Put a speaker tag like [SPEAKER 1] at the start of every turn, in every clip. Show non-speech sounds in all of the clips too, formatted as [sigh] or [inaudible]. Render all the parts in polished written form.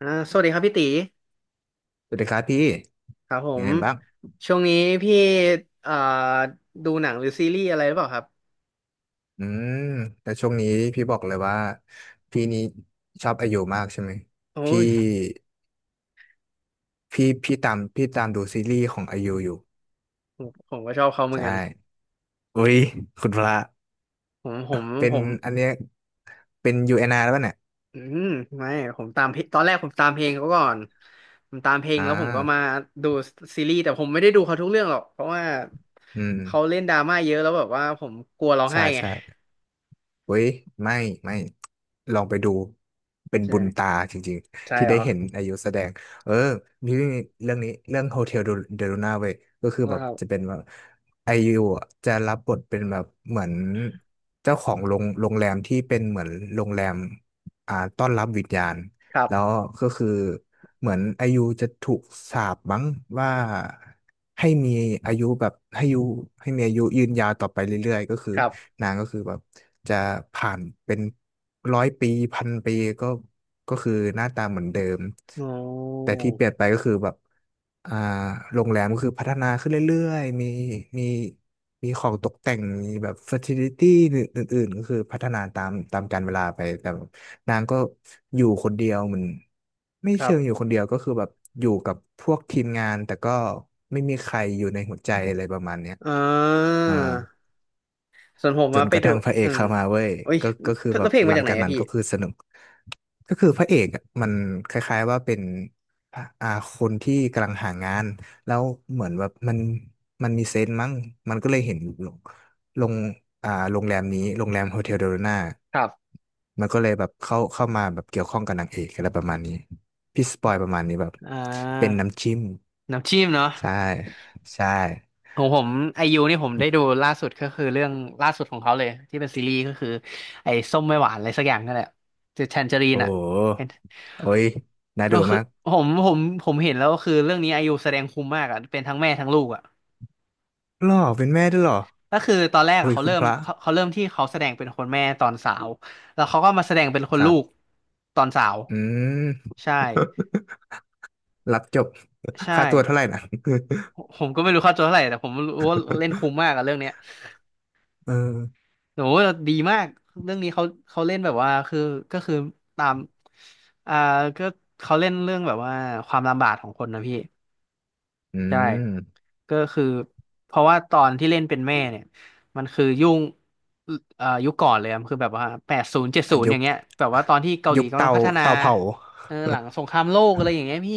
[SPEAKER 1] สวัสดีครับพี่ตี
[SPEAKER 2] สวัสดีครับพี่
[SPEAKER 1] ครับผ
[SPEAKER 2] ยัง
[SPEAKER 1] ม
[SPEAKER 2] ไงบ้าง
[SPEAKER 1] ช่วงนี้พี่เอ่อดูหนังหรือซีรีส์อะไรหรือเปล่าครับ
[SPEAKER 2] อืมแต่ช่วงนี้พี่บอกเลยว่าพี่นี้ชอบอายุมากใช่ไหม
[SPEAKER 1] โอ้
[SPEAKER 2] พี่
[SPEAKER 1] ย
[SPEAKER 2] พี่ตามพี่ตามดูซีรีส์ของอายุอยู่
[SPEAKER 1] ผมก็ชอบเขาเหมือ
[SPEAKER 2] ใช
[SPEAKER 1] นกัน
[SPEAKER 2] ่อุ้ยคุณพระ
[SPEAKER 1] ผมผม
[SPEAKER 2] เป็
[SPEAKER 1] ผ
[SPEAKER 2] น
[SPEAKER 1] ม
[SPEAKER 2] อันเนี้ยเป็นยูเอ็นอาร์แล้วป่ะเนี่ย
[SPEAKER 1] อืมไม่ผมตามเพลงตอนแรกผมตามเพลงเขาก่อนผมตามเพลง
[SPEAKER 2] อ่
[SPEAKER 1] แล้วผมก็มา
[SPEAKER 2] า
[SPEAKER 1] ดูซีรีส์แต่ผมไม่ได้ดูเขาทุกเรื่องหรอกเพราะว่า
[SPEAKER 2] อืม
[SPEAKER 1] เขาเล่นดราม่าเยอะแล้วแบบว่าผมกลัวร้อง
[SPEAKER 2] ใช่
[SPEAKER 1] ไห้ไง
[SPEAKER 2] ใช่ เว้ยไม่ไม่ลองไปดูเป็น
[SPEAKER 1] ใช่
[SPEAKER 2] บุญตาจริง
[SPEAKER 1] ใช่
[SPEAKER 2] ๆที่
[SPEAKER 1] เหร
[SPEAKER 2] ได้
[SPEAKER 1] อ
[SPEAKER 2] เห็นอายุแสดงเออมีเรื่องนี้เรื่องโฮเทลเดลูน่าเว้ยก็คือ
[SPEAKER 1] ค
[SPEAKER 2] แบบ
[SPEAKER 1] รั
[SPEAKER 2] จะเป็
[SPEAKER 1] บ
[SPEAKER 2] นแบบอายุอะจะรับบทเป็นแบบเหมือนเจ้าของโรงโรงแรมที่เป็นเหมือนโรงแรมต้อนรับวิญญาณ
[SPEAKER 1] ครับ
[SPEAKER 2] แล้วก็คือเหมือนอายุจะถูกสาปมั้งว่าให้มีอายุแบบให้อายุให้มีอายุยืนยาวต่อไปเรื่อยๆก็คือ
[SPEAKER 1] ครับ
[SPEAKER 2] นางก็คือแบบจะผ่านเป็นร้อยปีพันปีก็ก็คือหน้าตาเหมือนเดิม
[SPEAKER 1] อ๋อ
[SPEAKER 2] แต่ที่เปลี่ยนไปก็คือแบบอ่าโรงแรมก็คือพัฒนาขึ้นเรื่อยๆมีมีมีของตกแต่งมีแบบเฟอร์ติลิตี้อื่นๆก็คือพัฒนาตามกาลเวลาไปแต่นางก็อยู่คนเดียวเหมือนไม่
[SPEAKER 1] ครั
[SPEAKER 2] เชิงอยู่
[SPEAKER 1] บ
[SPEAKER 2] คนเดียวก็คือแบบอยู่กับพวกทีมงานแต่ก็ไม่มีใครอยู่ในหัวใจอะไรประมาณเนี้ย
[SPEAKER 1] เอ
[SPEAKER 2] อ่า
[SPEAKER 1] อ ส่วนผม
[SPEAKER 2] จ
[SPEAKER 1] มา
[SPEAKER 2] น
[SPEAKER 1] ไป
[SPEAKER 2] กระ
[SPEAKER 1] ดู
[SPEAKER 2] ทั่งพระเอ
[SPEAKER 1] อื
[SPEAKER 2] ก
[SPEAKER 1] ม
[SPEAKER 2] เข้ามาเว้ย
[SPEAKER 1] โอ้ย
[SPEAKER 2] ก็คือแบ
[SPEAKER 1] แล้ว
[SPEAKER 2] บ
[SPEAKER 1] เพลง
[SPEAKER 2] ห
[SPEAKER 1] มา
[SPEAKER 2] ลัง
[SPEAKER 1] จากไหน
[SPEAKER 2] จาก
[SPEAKER 1] อะ
[SPEAKER 2] นั้น
[SPEAKER 1] พี่
[SPEAKER 2] ก็คือสนุกก็คือพระเอกอะมันคล้ายๆว่าเป็นอ่าคนที่กำลังหางานแล้วเหมือนแบบมันมีเซนส์มั้งมันก็เลยเห็นลงลงโรงแรมนี้โรงแรมโฮเทลเดโรนา
[SPEAKER 1] ครับ
[SPEAKER 2] มันก็เลยแบบเข้ามาแบบเกี่ยวข้องกับนางเอกอะไรประมาณนี้พี่สปอยประมาณนี้แบบ
[SPEAKER 1] อ่
[SPEAKER 2] เป็น
[SPEAKER 1] า
[SPEAKER 2] น้ำจิ้ม
[SPEAKER 1] น้ำจิ้มเนาะ
[SPEAKER 2] ใช่ใช่
[SPEAKER 1] ของผมไอยูนี่ผมได้ดูล่าสุดก็คือเรื่องล่าสุดของเขาเลยที่เป็นซีรีส์ก็คือไอ้ส้มไม่หวานอะไรสักอย่างนั่นแหละจะแทนเจอรีน
[SPEAKER 2] โอ้
[SPEAKER 1] อะ
[SPEAKER 2] โห
[SPEAKER 1] เป็น
[SPEAKER 2] โอ้ยน่า
[SPEAKER 1] ก็
[SPEAKER 2] ดู
[SPEAKER 1] คือ
[SPEAKER 2] มาก
[SPEAKER 1] ผมเห็นแล้วก็คือเรื่องนี้ไอยูแสดงคุ้มมากอะเป็นทั้งแม่ทั้งลูกอะ
[SPEAKER 2] หล่อเป็นแม่ด้วยเหรอ
[SPEAKER 1] ก็คือตอนแรกอะ
[SPEAKER 2] เฮ้ย
[SPEAKER 1] เขา
[SPEAKER 2] คุณ
[SPEAKER 1] เริ่
[SPEAKER 2] พ
[SPEAKER 1] ม
[SPEAKER 2] ระ
[SPEAKER 1] เขาเขาเริ่มที่เขาแสดงเป็นคนแม่ตอนสาวแล้วเขาก็มาแสดงเป็นค
[SPEAKER 2] ค
[SPEAKER 1] น
[SPEAKER 2] รั
[SPEAKER 1] ลู
[SPEAKER 2] บ
[SPEAKER 1] กตอนสาว
[SPEAKER 2] อืม
[SPEAKER 1] ใช่
[SPEAKER 2] [laughs] รับจบ
[SPEAKER 1] ใช่
[SPEAKER 2] ค่าตัวเท่าไหร่นะ
[SPEAKER 1] ผมก็ไม่รู้ค่าตัวเท่าไหร่แต่ผมรู้ว่าเล่นคุ้มมากอะเรื่องเนี้ย
[SPEAKER 2] [laughs] เออ
[SPEAKER 1] โหดีมากเรื่องนี้เขาเขาเล่นแบบว่าคือก็คือตามอ่าก็เขาเล่นเรื่องแบบว่าความลำบากของคนนะพี่
[SPEAKER 2] อื
[SPEAKER 1] ใช่
[SPEAKER 2] ม
[SPEAKER 1] ก็คือเพราะว่าตอนที่เล่นเป็นแม่เนี่ยมันคือยุ่งยุคก่อนเลยอะมันคือแบบว่าแปดศูนย์เจ็ดศู
[SPEAKER 2] ่ะ
[SPEAKER 1] นย์
[SPEAKER 2] ย
[SPEAKER 1] อย่า
[SPEAKER 2] ก
[SPEAKER 1] งเงี้ยแบบว่าตอนที่เกาห
[SPEAKER 2] ย
[SPEAKER 1] ลี
[SPEAKER 2] ก
[SPEAKER 1] กำลั
[SPEAKER 2] เตา
[SPEAKER 1] งพัฒนา
[SPEAKER 2] เตาเผา
[SPEAKER 1] เออ
[SPEAKER 2] [laughs]
[SPEAKER 1] หลังสงครามโลกอะไรอย่างเงี้ยพี่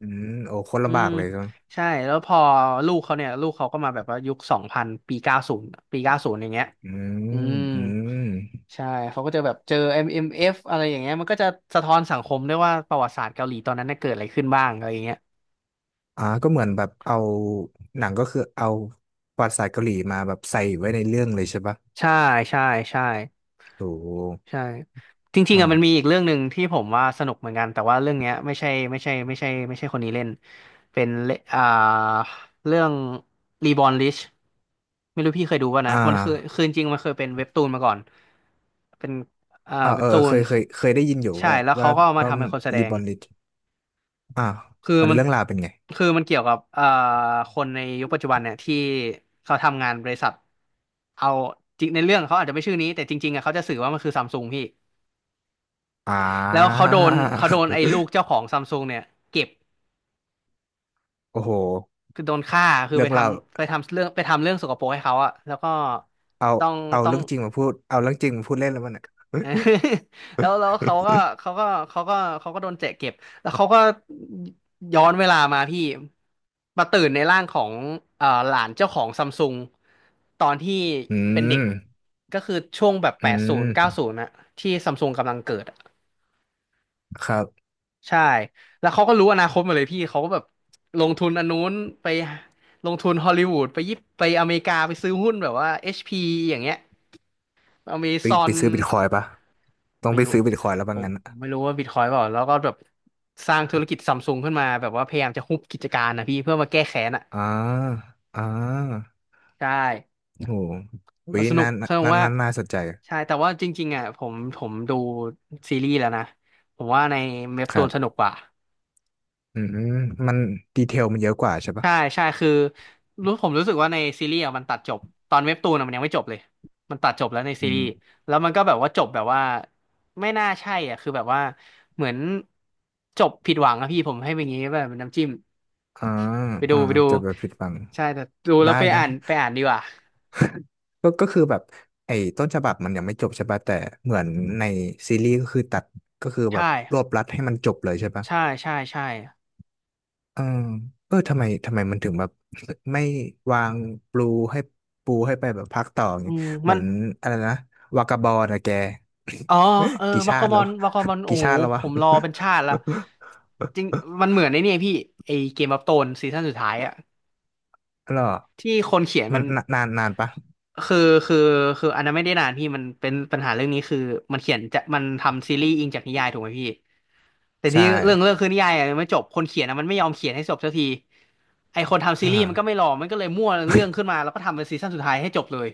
[SPEAKER 2] อืมโอ้โคน
[SPEAKER 1] อื
[SPEAKER 2] ลำบา
[SPEAKER 1] ม
[SPEAKER 2] กเลยจับ
[SPEAKER 1] ใช่แล้วพอลูกเขาเนี่ยลูกเขาก็มาแบบว่ายุคสองพันปีเก้าศูนย์ปีเก้าศูนย์อย่างเงี้ย
[SPEAKER 2] อื
[SPEAKER 1] อื
[SPEAKER 2] ม
[SPEAKER 1] ม
[SPEAKER 2] อืม
[SPEAKER 1] ใช่เขาก็จะแบบเจอ MMF อมเอ็มเอฟอะไรอย่างเงี้ยมันก็จะสะท้อนสังคมด้วยว่าประวัติศาสตร์เกาหลีตอนนั้นน่ะเกิดอะไรขึ้นบ้างอะไรอย่างเงี้ย
[SPEAKER 2] ก็เหมือนแบบเอาหนังก็คือเอาประวัติศาสตร์เกาหลีมาแบบใส่ไว้ในเรื่องเลยใช่ปะ
[SPEAKER 1] ใช่ใช่ใช่
[SPEAKER 2] โอ้โห
[SPEAKER 1] ใช่จริงๆอ่ะมันมี
[SPEAKER 2] อ่า
[SPEAKER 1] อีกเรื่องหนึ่งที่ผมว่าสนุกเหมือนกันแต่ว่าเรื่องเนี้ยไม่ใช่คนนี้เล่นเป็นเลอ่าเรื่อง Reborn Rich ไม่รู้พี่เคยดูป่ะ
[SPEAKER 2] อ่
[SPEAKER 1] นะมันคือ
[SPEAKER 2] า
[SPEAKER 1] คือจริงๆมันเคยเป็นเว็บตูนมาก่อนเป็นอ่า
[SPEAKER 2] อ่า
[SPEAKER 1] เว็
[SPEAKER 2] เอ
[SPEAKER 1] บ
[SPEAKER 2] อ
[SPEAKER 1] ตู
[SPEAKER 2] เค
[SPEAKER 1] น
[SPEAKER 2] ยเคยเคยได้ยินอยู่
[SPEAKER 1] ใช่
[SPEAKER 2] ว่า
[SPEAKER 1] แล้ว
[SPEAKER 2] ว่า
[SPEAKER 1] เขาก็เอามา
[SPEAKER 2] ว่า
[SPEAKER 1] ทำเป็นคนแสด
[SPEAKER 2] ลิ
[SPEAKER 1] ง
[SPEAKER 2] บอนลิอ่า
[SPEAKER 1] คือ
[SPEAKER 2] มัน
[SPEAKER 1] มัน
[SPEAKER 2] เรื่องราวเป็นไง
[SPEAKER 1] คือมันเกี่ยวกับคนในยุคปัจจุบันเนี่ยที่เขาทำงานบริษัทเอาจริงในเรื่องเขาอาจจะไม่ชื่อนี้แต่จริงๆอะเขาจะสื่อว่ามันคือซัมซุงพี่
[SPEAKER 2] อ่า
[SPEAKER 1] แล้วเขาโดนไอ้ลูกเจ้าของซัมซุงเนี่ยเก็บ
[SPEAKER 2] [laughs] โอ้โห
[SPEAKER 1] คือโดนฆ่าคือ
[SPEAKER 2] เรื่
[SPEAKER 1] ไป
[SPEAKER 2] อง
[SPEAKER 1] ท
[SPEAKER 2] เราว
[SPEAKER 1] ำไปทำเรื่องไปทำเรื่องสกปรกให้เขาอะแล้วก็
[SPEAKER 2] เอา
[SPEAKER 1] ต้อง
[SPEAKER 2] เอา
[SPEAKER 1] ต้อง
[SPEAKER 2] เรื่องจริงมาพูดเอาเรื่องจริงมาพูดเล่นแล้วมันอ่ะ
[SPEAKER 1] [laughs] เออ [laughs] แล้วเขาก็เขาก็เขาก็เขาก็โดนเจ๊เก็บแล้วเขาก็ย้อนเวลามาพี่มาตื่นในร่างของหลานเจ้าของซัมซุงตอนที่
[SPEAKER 2] [laughs] อื
[SPEAKER 1] เป็นเด็ก
[SPEAKER 2] ม
[SPEAKER 1] ก็คือช่วงแบบแป
[SPEAKER 2] อื
[SPEAKER 1] ดศู
[SPEAKER 2] ม
[SPEAKER 1] นย์เก้าศูนย์ะที่ซัมซุงกำลังเกิดอะ
[SPEAKER 2] ครับ
[SPEAKER 1] ใช่แล้วเขาก็รู้อนาคตหมาเลยพี่เขาก็แบบลงทุนอันนู้นไปลงทุนฮอลลีวูดไปยิปไปอเมริกาไปซื้อหุ้นแบบว่า HP อชพีอย่างเงี้ย เรามี
[SPEAKER 2] ไป
[SPEAKER 1] ซอ
[SPEAKER 2] ไป
[SPEAKER 1] น
[SPEAKER 2] ซื้อบิตคอยน์ปะต้อง
[SPEAKER 1] ไม่
[SPEAKER 2] ไป
[SPEAKER 1] รู้
[SPEAKER 2] ซื้อ
[SPEAKER 1] ผ
[SPEAKER 2] บิ
[SPEAKER 1] ม
[SPEAKER 2] ตคอยน์แล้ว
[SPEAKER 1] ผ
[SPEAKER 2] บาง
[SPEAKER 1] ม
[SPEAKER 2] งั้นอะ
[SPEAKER 1] ไม่รู้ว่าบิตคอยเปล่าแล้วก็แบบสร้างธุรกิจซัมซุงขึ้นมาแบบว่าพยายามจะฮุบกิจการนะพี่เพื่อมาแก้แค้นอ่ะ
[SPEAKER 2] อ่าอ่า
[SPEAKER 1] ใช่
[SPEAKER 2] อโหวิ
[SPEAKER 1] สนุก
[SPEAKER 2] น่าน่า
[SPEAKER 1] สนุกมาก
[SPEAKER 2] น่าน่าสนใจ
[SPEAKER 1] ใช่แต่ว่าจริงๆอ่ะผมดูซีรีส์แล้วนะผมว่าในเว็บ
[SPEAKER 2] ค
[SPEAKER 1] ตู
[SPEAKER 2] รั
[SPEAKER 1] นสนุก
[SPEAKER 2] บ
[SPEAKER 1] กว่า
[SPEAKER 2] อืมมันดีเทลมันเยอะกว่าใช่ปะ
[SPEAKER 1] ใช่ใช่คือรู้ผมรู้สึกว่าในซีรีส์อะมันตัดจบตอนเว็บตูนอะมันยังไม่จบเลยมันตัดจบแล้วในซี
[SPEAKER 2] อื
[SPEAKER 1] รีส์
[SPEAKER 2] ม
[SPEAKER 1] แล้วมันก็แบบว่าจบแบบว่าไม่น่าใช่อ่ะคือแบบว่าเหมือนจบผิดหวังอะพี่ผมให้เป็นอย่างงี้แบบเป็นน้ำจิ้ม
[SPEAKER 2] อ่า
[SPEAKER 1] ไปดู
[SPEAKER 2] อ่า
[SPEAKER 1] ไปดู
[SPEAKER 2] จะไปผิดฟัง
[SPEAKER 1] ใช่แต่ดูแล้
[SPEAKER 2] ได้
[SPEAKER 1] วไป
[SPEAKER 2] ได้
[SPEAKER 1] อ่านไปอ่านดีกว่า
[SPEAKER 2] ก็คือแบบไอ้ต้นฉบับมันยังไม่จบใช่ปะแต่เหมือนในซีรีส์ก็คือตัดก็คือแบ
[SPEAKER 1] ใช่
[SPEAKER 2] บรวบรัดให้มันจบเลยใช่ปะ
[SPEAKER 1] ใช่
[SPEAKER 2] เออเออทำไมมันถึงแบบไม่วางปูให้ปูให้ไปแบบพักต่ออย่าง
[SPEAKER 1] อื
[SPEAKER 2] งี้
[SPEAKER 1] ม
[SPEAKER 2] เหมื
[SPEAKER 1] มั
[SPEAKER 2] อ
[SPEAKER 1] น
[SPEAKER 2] นอะไรนะวากาบอลนะแก
[SPEAKER 1] อ๋อ
[SPEAKER 2] [coughs]
[SPEAKER 1] เออ
[SPEAKER 2] [laughs] กี่
[SPEAKER 1] วา
[SPEAKER 2] ชา
[SPEAKER 1] กา
[SPEAKER 2] ติ
[SPEAKER 1] บ
[SPEAKER 2] แล้
[SPEAKER 1] อ
[SPEAKER 2] ว
[SPEAKER 1] ลวากา
[SPEAKER 2] [coughs]
[SPEAKER 1] บอล
[SPEAKER 2] [laughs]
[SPEAKER 1] โอ้
[SPEAKER 2] กี่
[SPEAKER 1] โห
[SPEAKER 2] ชาติแล้ว
[SPEAKER 1] ผ
[SPEAKER 2] วะ
[SPEAKER 1] มรอเป็นชาติละจริงมั
[SPEAKER 2] [laughs]
[SPEAKER 1] นเหมือนในนี่ยพี่ไอเกมออฟโธรนซีซั่นสุดท้ายอะ
[SPEAKER 2] หรอ
[SPEAKER 1] ที่คนเขียน
[SPEAKER 2] มั
[SPEAKER 1] มั
[SPEAKER 2] น
[SPEAKER 1] น
[SPEAKER 2] นานนานนปะ
[SPEAKER 1] คือคือคืออันนั้นไม่ได้นานพี่มันเป็นปัญหาเรื่องนี้คือมันเขียนจะมันทำซีรีส์อิงจากนิยายถูกไหมพี่แต่
[SPEAKER 2] ใช่
[SPEAKER 1] ที่เรื่องคือนิยายอะยังไม่จบคนเขียนอะมันไม่ยอมเขียนให้จบสักทีไอคนทำซีรี
[SPEAKER 2] อ่า
[SPEAKER 1] ส์
[SPEAKER 2] [coughs]
[SPEAKER 1] มันก็ไม่รอมันก็เลยมั่วเรื่องขึ้นมาแล้วก็ทำเป็นซีซั่นสุดท้ายให้จบเลย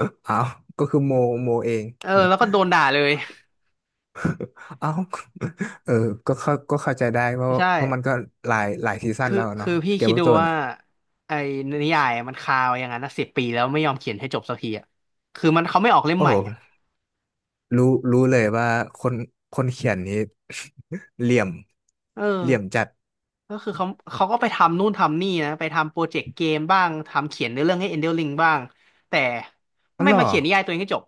[SPEAKER 2] [laughs] เอาก็คือโมโมเอง
[SPEAKER 1] เออแล้วก็โดนด่าเลย
[SPEAKER 2] เอ้า [laughs] เออ ก็เข้าใจได้เพราะ
[SPEAKER 1] ใช่
[SPEAKER 2] เพราะมันก็หลายหลายซีซั่น
[SPEAKER 1] คือ
[SPEAKER 2] แล้วอะ
[SPEAKER 1] คื
[SPEAKER 2] เนาะ
[SPEAKER 1] อพี่
[SPEAKER 2] เกม
[SPEAKER 1] คิด
[SPEAKER 2] ออฟ
[SPEAKER 1] ดู
[SPEAKER 2] โธรนส์
[SPEAKER 1] ว่าไอ้นิยายอะมันคาไว้อย่างนั้น10 ปีแล้วไม่ยอมเขียนให้จบสักทีอ่ะคือมันเขาไม่ออกเล่ม
[SPEAKER 2] โอ้
[SPEAKER 1] ใหม่
[SPEAKER 2] โห
[SPEAKER 1] อ่ะ
[SPEAKER 2] รู้รู้เลยว่าคนคนเขียนนี้ [laughs] เหลี่ยม
[SPEAKER 1] เออ
[SPEAKER 2] เหลี่ยมจัด
[SPEAKER 1] ก็คือเขาเขาก็ไปทำนู่นทำนี่นะไปทำโปรเจกต์เกมบ้างทำเขียนเนื้อเรื่องให้ Elden Ring บ้างแต่
[SPEAKER 2] อ๋อ
[SPEAKER 1] ไม่
[SPEAKER 2] เหรอ
[SPEAKER 1] มาเขียนนิยายตัวเองให้จบ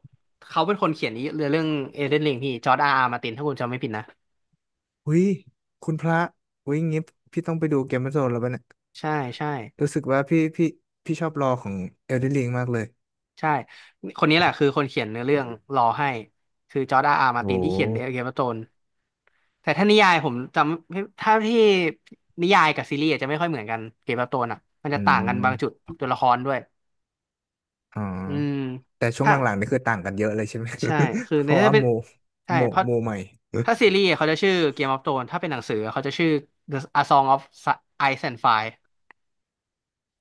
[SPEAKER 1] เขาเป็นคนเขียนนี้เรื่อง Elden Ring พี่จอร์จอาร์อาร์มาร์ตินถ้าคุณจำไม่ผิดนะ
[SPEAKER 2] หุยคุณพระหุยงี้พี่ต้องไปดูเกมออฟโธรนส์แล้วปะเนี่ย
[SPEAKER 1] ใช่ใช่
[SPEAKER 2] รู้สึกว่าพี่พี่ชอบรอของเอลเดนริงมากเลย
[SPEAKER 1] ใช่คนนี้แหละคือคนเขียนเนื้อเรื่องรอให้คือจอร์จอาร์อาร์มา
[SPEAKER 2] โอ้
[SPEAKER 1] ร์
[SPEAKER 2] โ
[SPEAKER 1] ตินที่เขียนเดอะเก
[SPEAKER 2] ห
[SPEAKER 1] มโธนแต่ถ้านิยายผมจำถ้าที่นิยายกับซีรีส์อาจจะไม่ค่อยเหมือนกันเกมโธนอ่ะมันจะ
[SPEAKER 2] อื
[SPEAKER 1] ต่างกันบางจุด
[SPEAKER 2] ม
[SPEAKER 1] ตัวละครด้วย
[SPEAKER 2] อ๋อ
[SPEAKER 1] อืม
[SPEAKER 2] แต่ช่วง
[SPEAKER 1] ถ้า
[SPEAKER 2] หลังๆนี่คือต่างกันเยอะเลยใช่ไหม
[SPEAKER 1] ใช่คือ
[SPEAKER 2] [laughs] เพ
[SPEAKER 1] ใน
[SPEAKER 2] ราะ
[SPEAKER 1] ถ้า
[SPEAKER 2] ว่า
[SPEAKER 1] เป็น
[SPEAKER 2] โม
[SPEAKER 1] ใช่
[SPEAKER 2] โม
[SPEAKER 1] เพราะ
[SPEAKER 2] โมใหม่
[SPEAKER 1] ถ้าซีรีส์เขาจะชื่อ Game of Thrones ถ้าเป็นหนังสือเขาจะชื่อ The A Song of Ice and Fire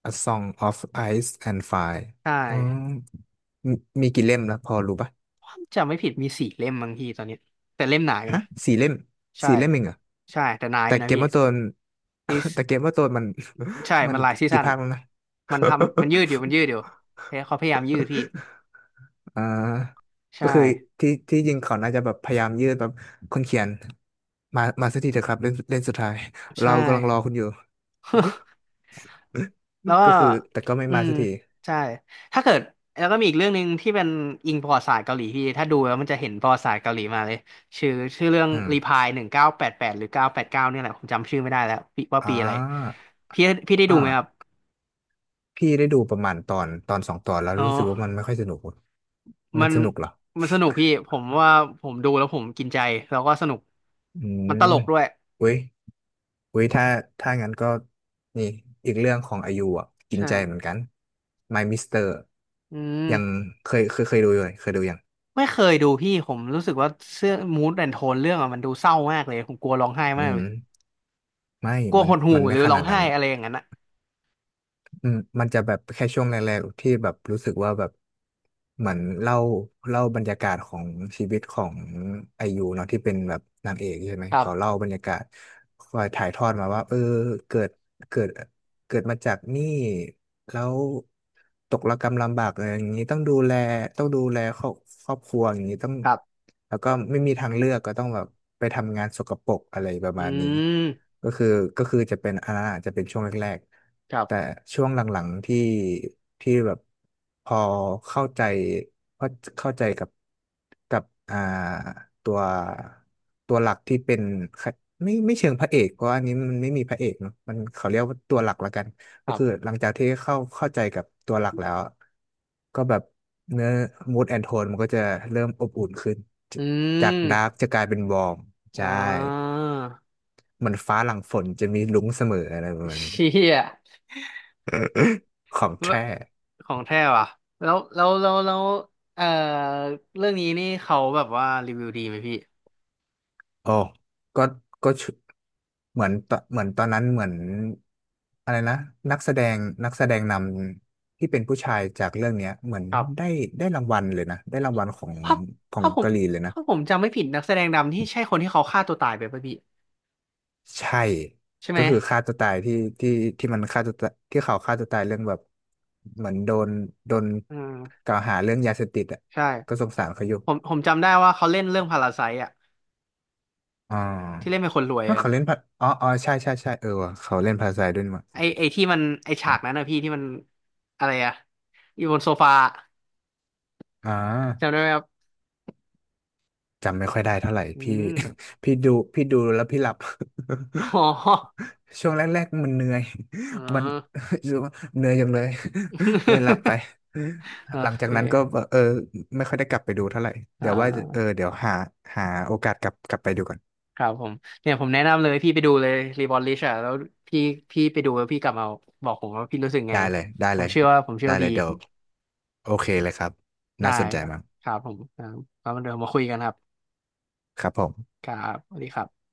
[SPEAKER 2] A Song of Ice and Fire
[SPEAKER 1] ใช่
[SPEAKER 2] อ๋อมมีกี่เล่มแล้วพอรู้ปะ
[SPEAKER 1] ผมจำไม่ผิดมี4 เล่มบางทีตอนนี้แต่เล่มหนาอยู่
[SPEAKER 2] ฮะ
[SPEAKER 1] นะ
[SPEAKER 2] สี่เล่ม
[SPEAKER 1] ใช่
[SPEAKER 2] สี่เล่มเองเหรอ
[SPEAKER 1] ใช่แต่หนาอ
[SPEAKER 2] แต่
[SPEAKER 1] ยู่นะ
[SPEAKER 2] เกม
[SPEAKER 1] พี่
[SPEAKER 2] ว่าโตน
[SPEAKER 1] นี่
[SPEAKER 2] [laughs] แต่เกมว่าโตนมัน
[SPEAKER 1] ใช่
[SPEAKER 2] [laughs] มั
[SPEAKER 1] มั
[SPEAKER 2] น
[SPEAKER 1] นหลายซี
[SPEAKER 2] กี่
[SPEAKER 1] ซั่น
[SPEAKER 2] ภาคแล้วนะ
[SPEAKER 1] มันทำมันยืดอยู่เขาพยายามยืดพี่
[SPEAKER 2] [laughs] อ่า
[SPEAKER 1] ใช่
[SPEAKER 2] ก็คือที่จริงเขาน่าจะแบบพยายามยืดแบบคนเขียนมาสักทีเถอะครับเล่นเล่นสุดท้าย
[SPEAKER 1] ใช่
[SPEAKER 2] เรากำลังรอคุณอยู่
[SPEAKER 1] [laughs] แล้ว
[SPEAKER 2] [laughs]
[SPEAKER 1] ก็
[SPEAKER 2] ก็คือแต่ก็ไม่
[SPEAKER 1] อื
[SPEAKER 2] มา
[SPEAKER 1] ม
[SPEAKER 2] สักที
[SPEAKER 1] ใช่ถ้าเกิดแล้วก็มีอีกเรื่องหนึ่งที่เป็นอิงประวัติศาสตร์เกาหลีพี่ถ้าดูแล้วมันจะเห็นประวัติศาสตร์เกาหลีมาเลยชื่อเรื่อง
[SPEAKER 2] อืม
[SPEAKER 1] รีพาย1988หรือ989เนี่ยแหละผมจำชื่อไม่ได้แล้วปีว่า
[SPEAKER 2] อ่
[SPEAKER 1] ปีอะไร
[SPEAKER 2] า
[SPEAKER 1] พี่พี่ได้ดูไหมครับ
[SPEAKER 2] อ่า พี่ได้ดูประมาณตอนตอนสองตอนแล้ว
[SPEAKER 1] อ๋อ
[SPEAKER 2] รู้สึกว่ามันไม่ค่อยสนุกอะมั
[SPEAKER 1] มั
[SPEAKER 2] น
[SPEAKER 1] น
[SPEAKER 2] สนุกเหรอ
[SPEAKER 1] มันสนุกพี่ผมว่าผมดูแล้วผมกินใจแล้วก็สนุก
[SPEAKER 2] อื
[SPEAKER 1] มัน
[SPEAKER 2] ม
[SPEAKER 1] ตลกด้วย
[SPEAKER 2] อุ้ยอุ้ยถ้าถ้างั้นก็นี่อีกเรื่องของอายุอ่ะกิน
[SPEAKER 1] ใช่
[SPEAKER 2] ใจเหมือนกัน My Mister
[SPEAKER 1] อื
[SPEAKER 2] ยัง
[SPEAKER 1] ม
[SPEAKER 2] เคยดูอยู่เลยเคยดูยัง
[SPEAKER 1] ไม่เคยดูพี่ผมรู้สึกว่าเสื้อมูดแอนโทนเรื่องอะมันดูเศร้ามากเลยผมกลัวร้องไห้
[SPEAKER 2] อื
[SPEAKER 1] มากเล
[SPEAKER 2] ม
[SPEAKER 1] ย
[SPEAKER 2] ไม่
[SPEAKER 1] กลัว
[SPEAKER 2] มัน
[SPEAKER 1] หดหู่
[SPEAKER 2] มัน
[SPEAKER 1] ห
[SPEAKER 2] ไม่
[SPEAKER 1] รือ
[SPEAKER 2] ข
[SPEAKER 1] ร้อ
[SPEAKER 2] นา
[SPEAKER 1] ง
[SPEAKER 2] ด
[SPEAKER 1] ไห้
[SPEAKER 2] นั้น
[SPEAKER 1] อะไรอย่างนั้นนะ
[SPEAKER 2] อืมมันจะแบบแค่ช่วงแรกๆที่แบบรู้สึกว่าแบบเหมือนเล่าเล่าบรรยากาศของชีวิตของไอยูเนาะที่เป็นแบบนางเอกใช่ไหม
[SPEAKER 1] ครั
[SPEAKER 2] เขาเล่า
[SPEAKER 1] บ
[SPEAKER 2] บรรยากาศคอยถ่ายทอดมาว่าเออเกิดเกิดเกิดมาจากนี่แล้วตกระกำลำบากอะไรอย่างนี้ต้องดูแลต้องดูแลครอบครอบครัวอย่างนี้ต้อง
[SPEAKER 1] ครับ
[SPEAKER 2] แล้วก็ไม่มีทางเลือกก็ต้องแบบไปทำงานสกปรกอะไรประ
[SPEAKER 1] อื
[SPEAKER 2] มาณนี้
[SPEAKER 1] ม
[SPEAKER 2] ก็คือก็คือจะเป็นอันนั้นอาจจะเป็นช่วงแรก
[SPEAKER 1] ครั
[SPEAKER 2] ๆแต่
[SPEAKER 1] บ
[SPEAKER 2] ช่วงหลังๆที่ที่แบบพอเข้าใจเข้าเข้าใจกับกับอ่าตัวตัวหลักที่เป็นไม่ไม่เชิงพระเอกเพราะอันนี้มันไม่มีพระเอกเนอะมันเขาเรียกว่าตัวหลักละกัน
[SPEAKER 1] ค
[SPEAKER 2] ก็
[SPEAKER 1] รั
[SPEAKER 2] คือ
[SPEAKER 1] บ
[SPEAKER 2] หลังจากที่เข้าเข้าใจกับตัวหลักแล้วก็แบบเนื้อ mood and tone มันก็จะเริ่มอบอุ่นขึ้น
[SPEAKER 1] อื
[SPEAKER 2] จาก
[SPEAKER 1] ม
[SPEAKER 2] ดาร์กจะกลายเป็นวอร์ม
[SPEAKER 1] อ่
[SPEAKER 2] ใช่
[SPEAKER 1] า
[SPEAKER 2] เหมือนฟ้าหลังฝนจะมีรุ้งเสมออะไรประมาณนี้
[SPEAKER 1] เชี่ย
[SPEAKER 2] [laughs] ของแท้
[SPEAKER 1] ของแท้ว่ะแล้วเอ่อเรื่องนี้นี่เขาแบบว่ารีวิวดีไหมพี่
[SPEAKER 2] โอ้ก็ก็ชุเหมือนตเหมือนตอนนั้นเหมือนอะไรนะนักแสดงนักแสดงนำที่เป็นผู้ชายจากเรื่องเนี้ยเหมือน
[SPEAKER 1] ครั
[SPEAKER 2] ได้
[SPEAKER 1] บ
[SPEAKER 2] ได้รางวัลเลยนะได้รางวัลของ
[SPEAKER 1] ถ้า
[SPEAKER 2] ของ
[SPEAKER 1] ถ้าผม
[SPEAKER 2] เกาหลีเลยนะ
[SPEAKER 1] ถ้าผมจำไม่ผิดนักแสดงนำที่ใช่คนที่เขาฆ่าตัวตายไปป่ะพี่
[SPEAKER 2] ใช่
[SPEAKER 1] ใช่ไห
[SPEAKER 2] ก็
[SPEAKER 1] ม
[SPEAKER 2] คือฆ่าตัวตายที่ที่ที่มันฆ่าตัวตายที่เขาฆ่าตัวตายเรื่องแบบเหมือนโดนโดน
[SPEAKER 1] อืม
[SPEAKER 2] กล่าวหาเรื่องยาเสพติดอ่ะ
[SPEAKER 1] ใช่
[SPEAKER 2] ก็สงสารเขาอยู่
[SPEAKER 1] ผมจำได้ว่าเขาเล่นเรื่องพาราไซต์อ่ะ
[SPEAKER 2] อ่า
[SPEAKER 1] ที่เล่นเป็นคนรวย
[SPEAKER 2] ถ้า
[SPEAKER 1] อะ
[SPEAKER 2] เขาเล่นภาอ๋อใช่เออว่ะเขาเล่นภาษาด้วยนี่มั้ง
[SPEAKER 1] ไอที่มันไอฉากนั้นนะพี่ที่มันอะไรอะอยู่บนโซฟา
[SPEAKER 2] อ่
[SPEAKER 1] จำได้
[SPEAKER 2] า
[SPEAKER 1] ไหมครับ
[SPEAKER 2] จำไม่ค่อยได้เท่าไหร่
[SPEAKER 1] อื
[SPEAKER 2] พี่
[SPEAKER 1] ม
[SPEAKER 2] [laughs] พี่ดูพี่ดูแล้วพี่หลับ
[SPEAKER 1] อ๋อ
[SPEAKER 2] [laughs] ช่วงแรกๆมันเหนื่อย
[SPEAKER 1] อ๋อ
[SPEAKER 2] [laughs] มัน [laughs] รู้สึกว่าเหนื่อยจังเลย [laughs] เลยหลับไป
[SPEAKER 1] [laughs] โอ
[SPEAKER 2] หลังจา
[SPEAKER 1] เค
[SPEAKER 2] กนั้นก็เออไม่ค่อยได้กลับไปดูเท่าไหร่
[SPEAKER 1] อ่
[SPEAKER 2] เดี๋ยวว่าเออ
[SPEAKER 1] า
[SPEAKER 2] เดี๋ยวหาหาโอกาสกลับกลับไปดูก่อน
[SPEAKER 1] ครับผมเนี่ยผมแนะนำเลยพี่ไปดูเลย Reborn Rich อะแล้วพี่พี่ไปดูแล้วพี่กลับมาบอกผมว่าพี่รู้สึกไง
[SPEAKER 2] ได้เลยได้
[SPEAKER 1] ผ
[SPEAKER 2] เล
[SPEAKER 1] ม
[SPEAKER 2] ย
[SPEAKER 1] เชื่อว่าผมเชื่อว่าดี
[SPEAKER 2] เดี๋ยวโอเคเลยครับ
[SPEAKER 1] ได้
[SPEAKER 2] น่าสนใจ
[SPEAKER 1] ครับ
[SPEAKER 2] มาก
[SPEAKER 1] ครับผมอ่าแล้วเดี๋ยวมาคุยกันครับ
[SPEAKER 2] ครับผม
[SPEAKER 1] ครับสวัสดีครับ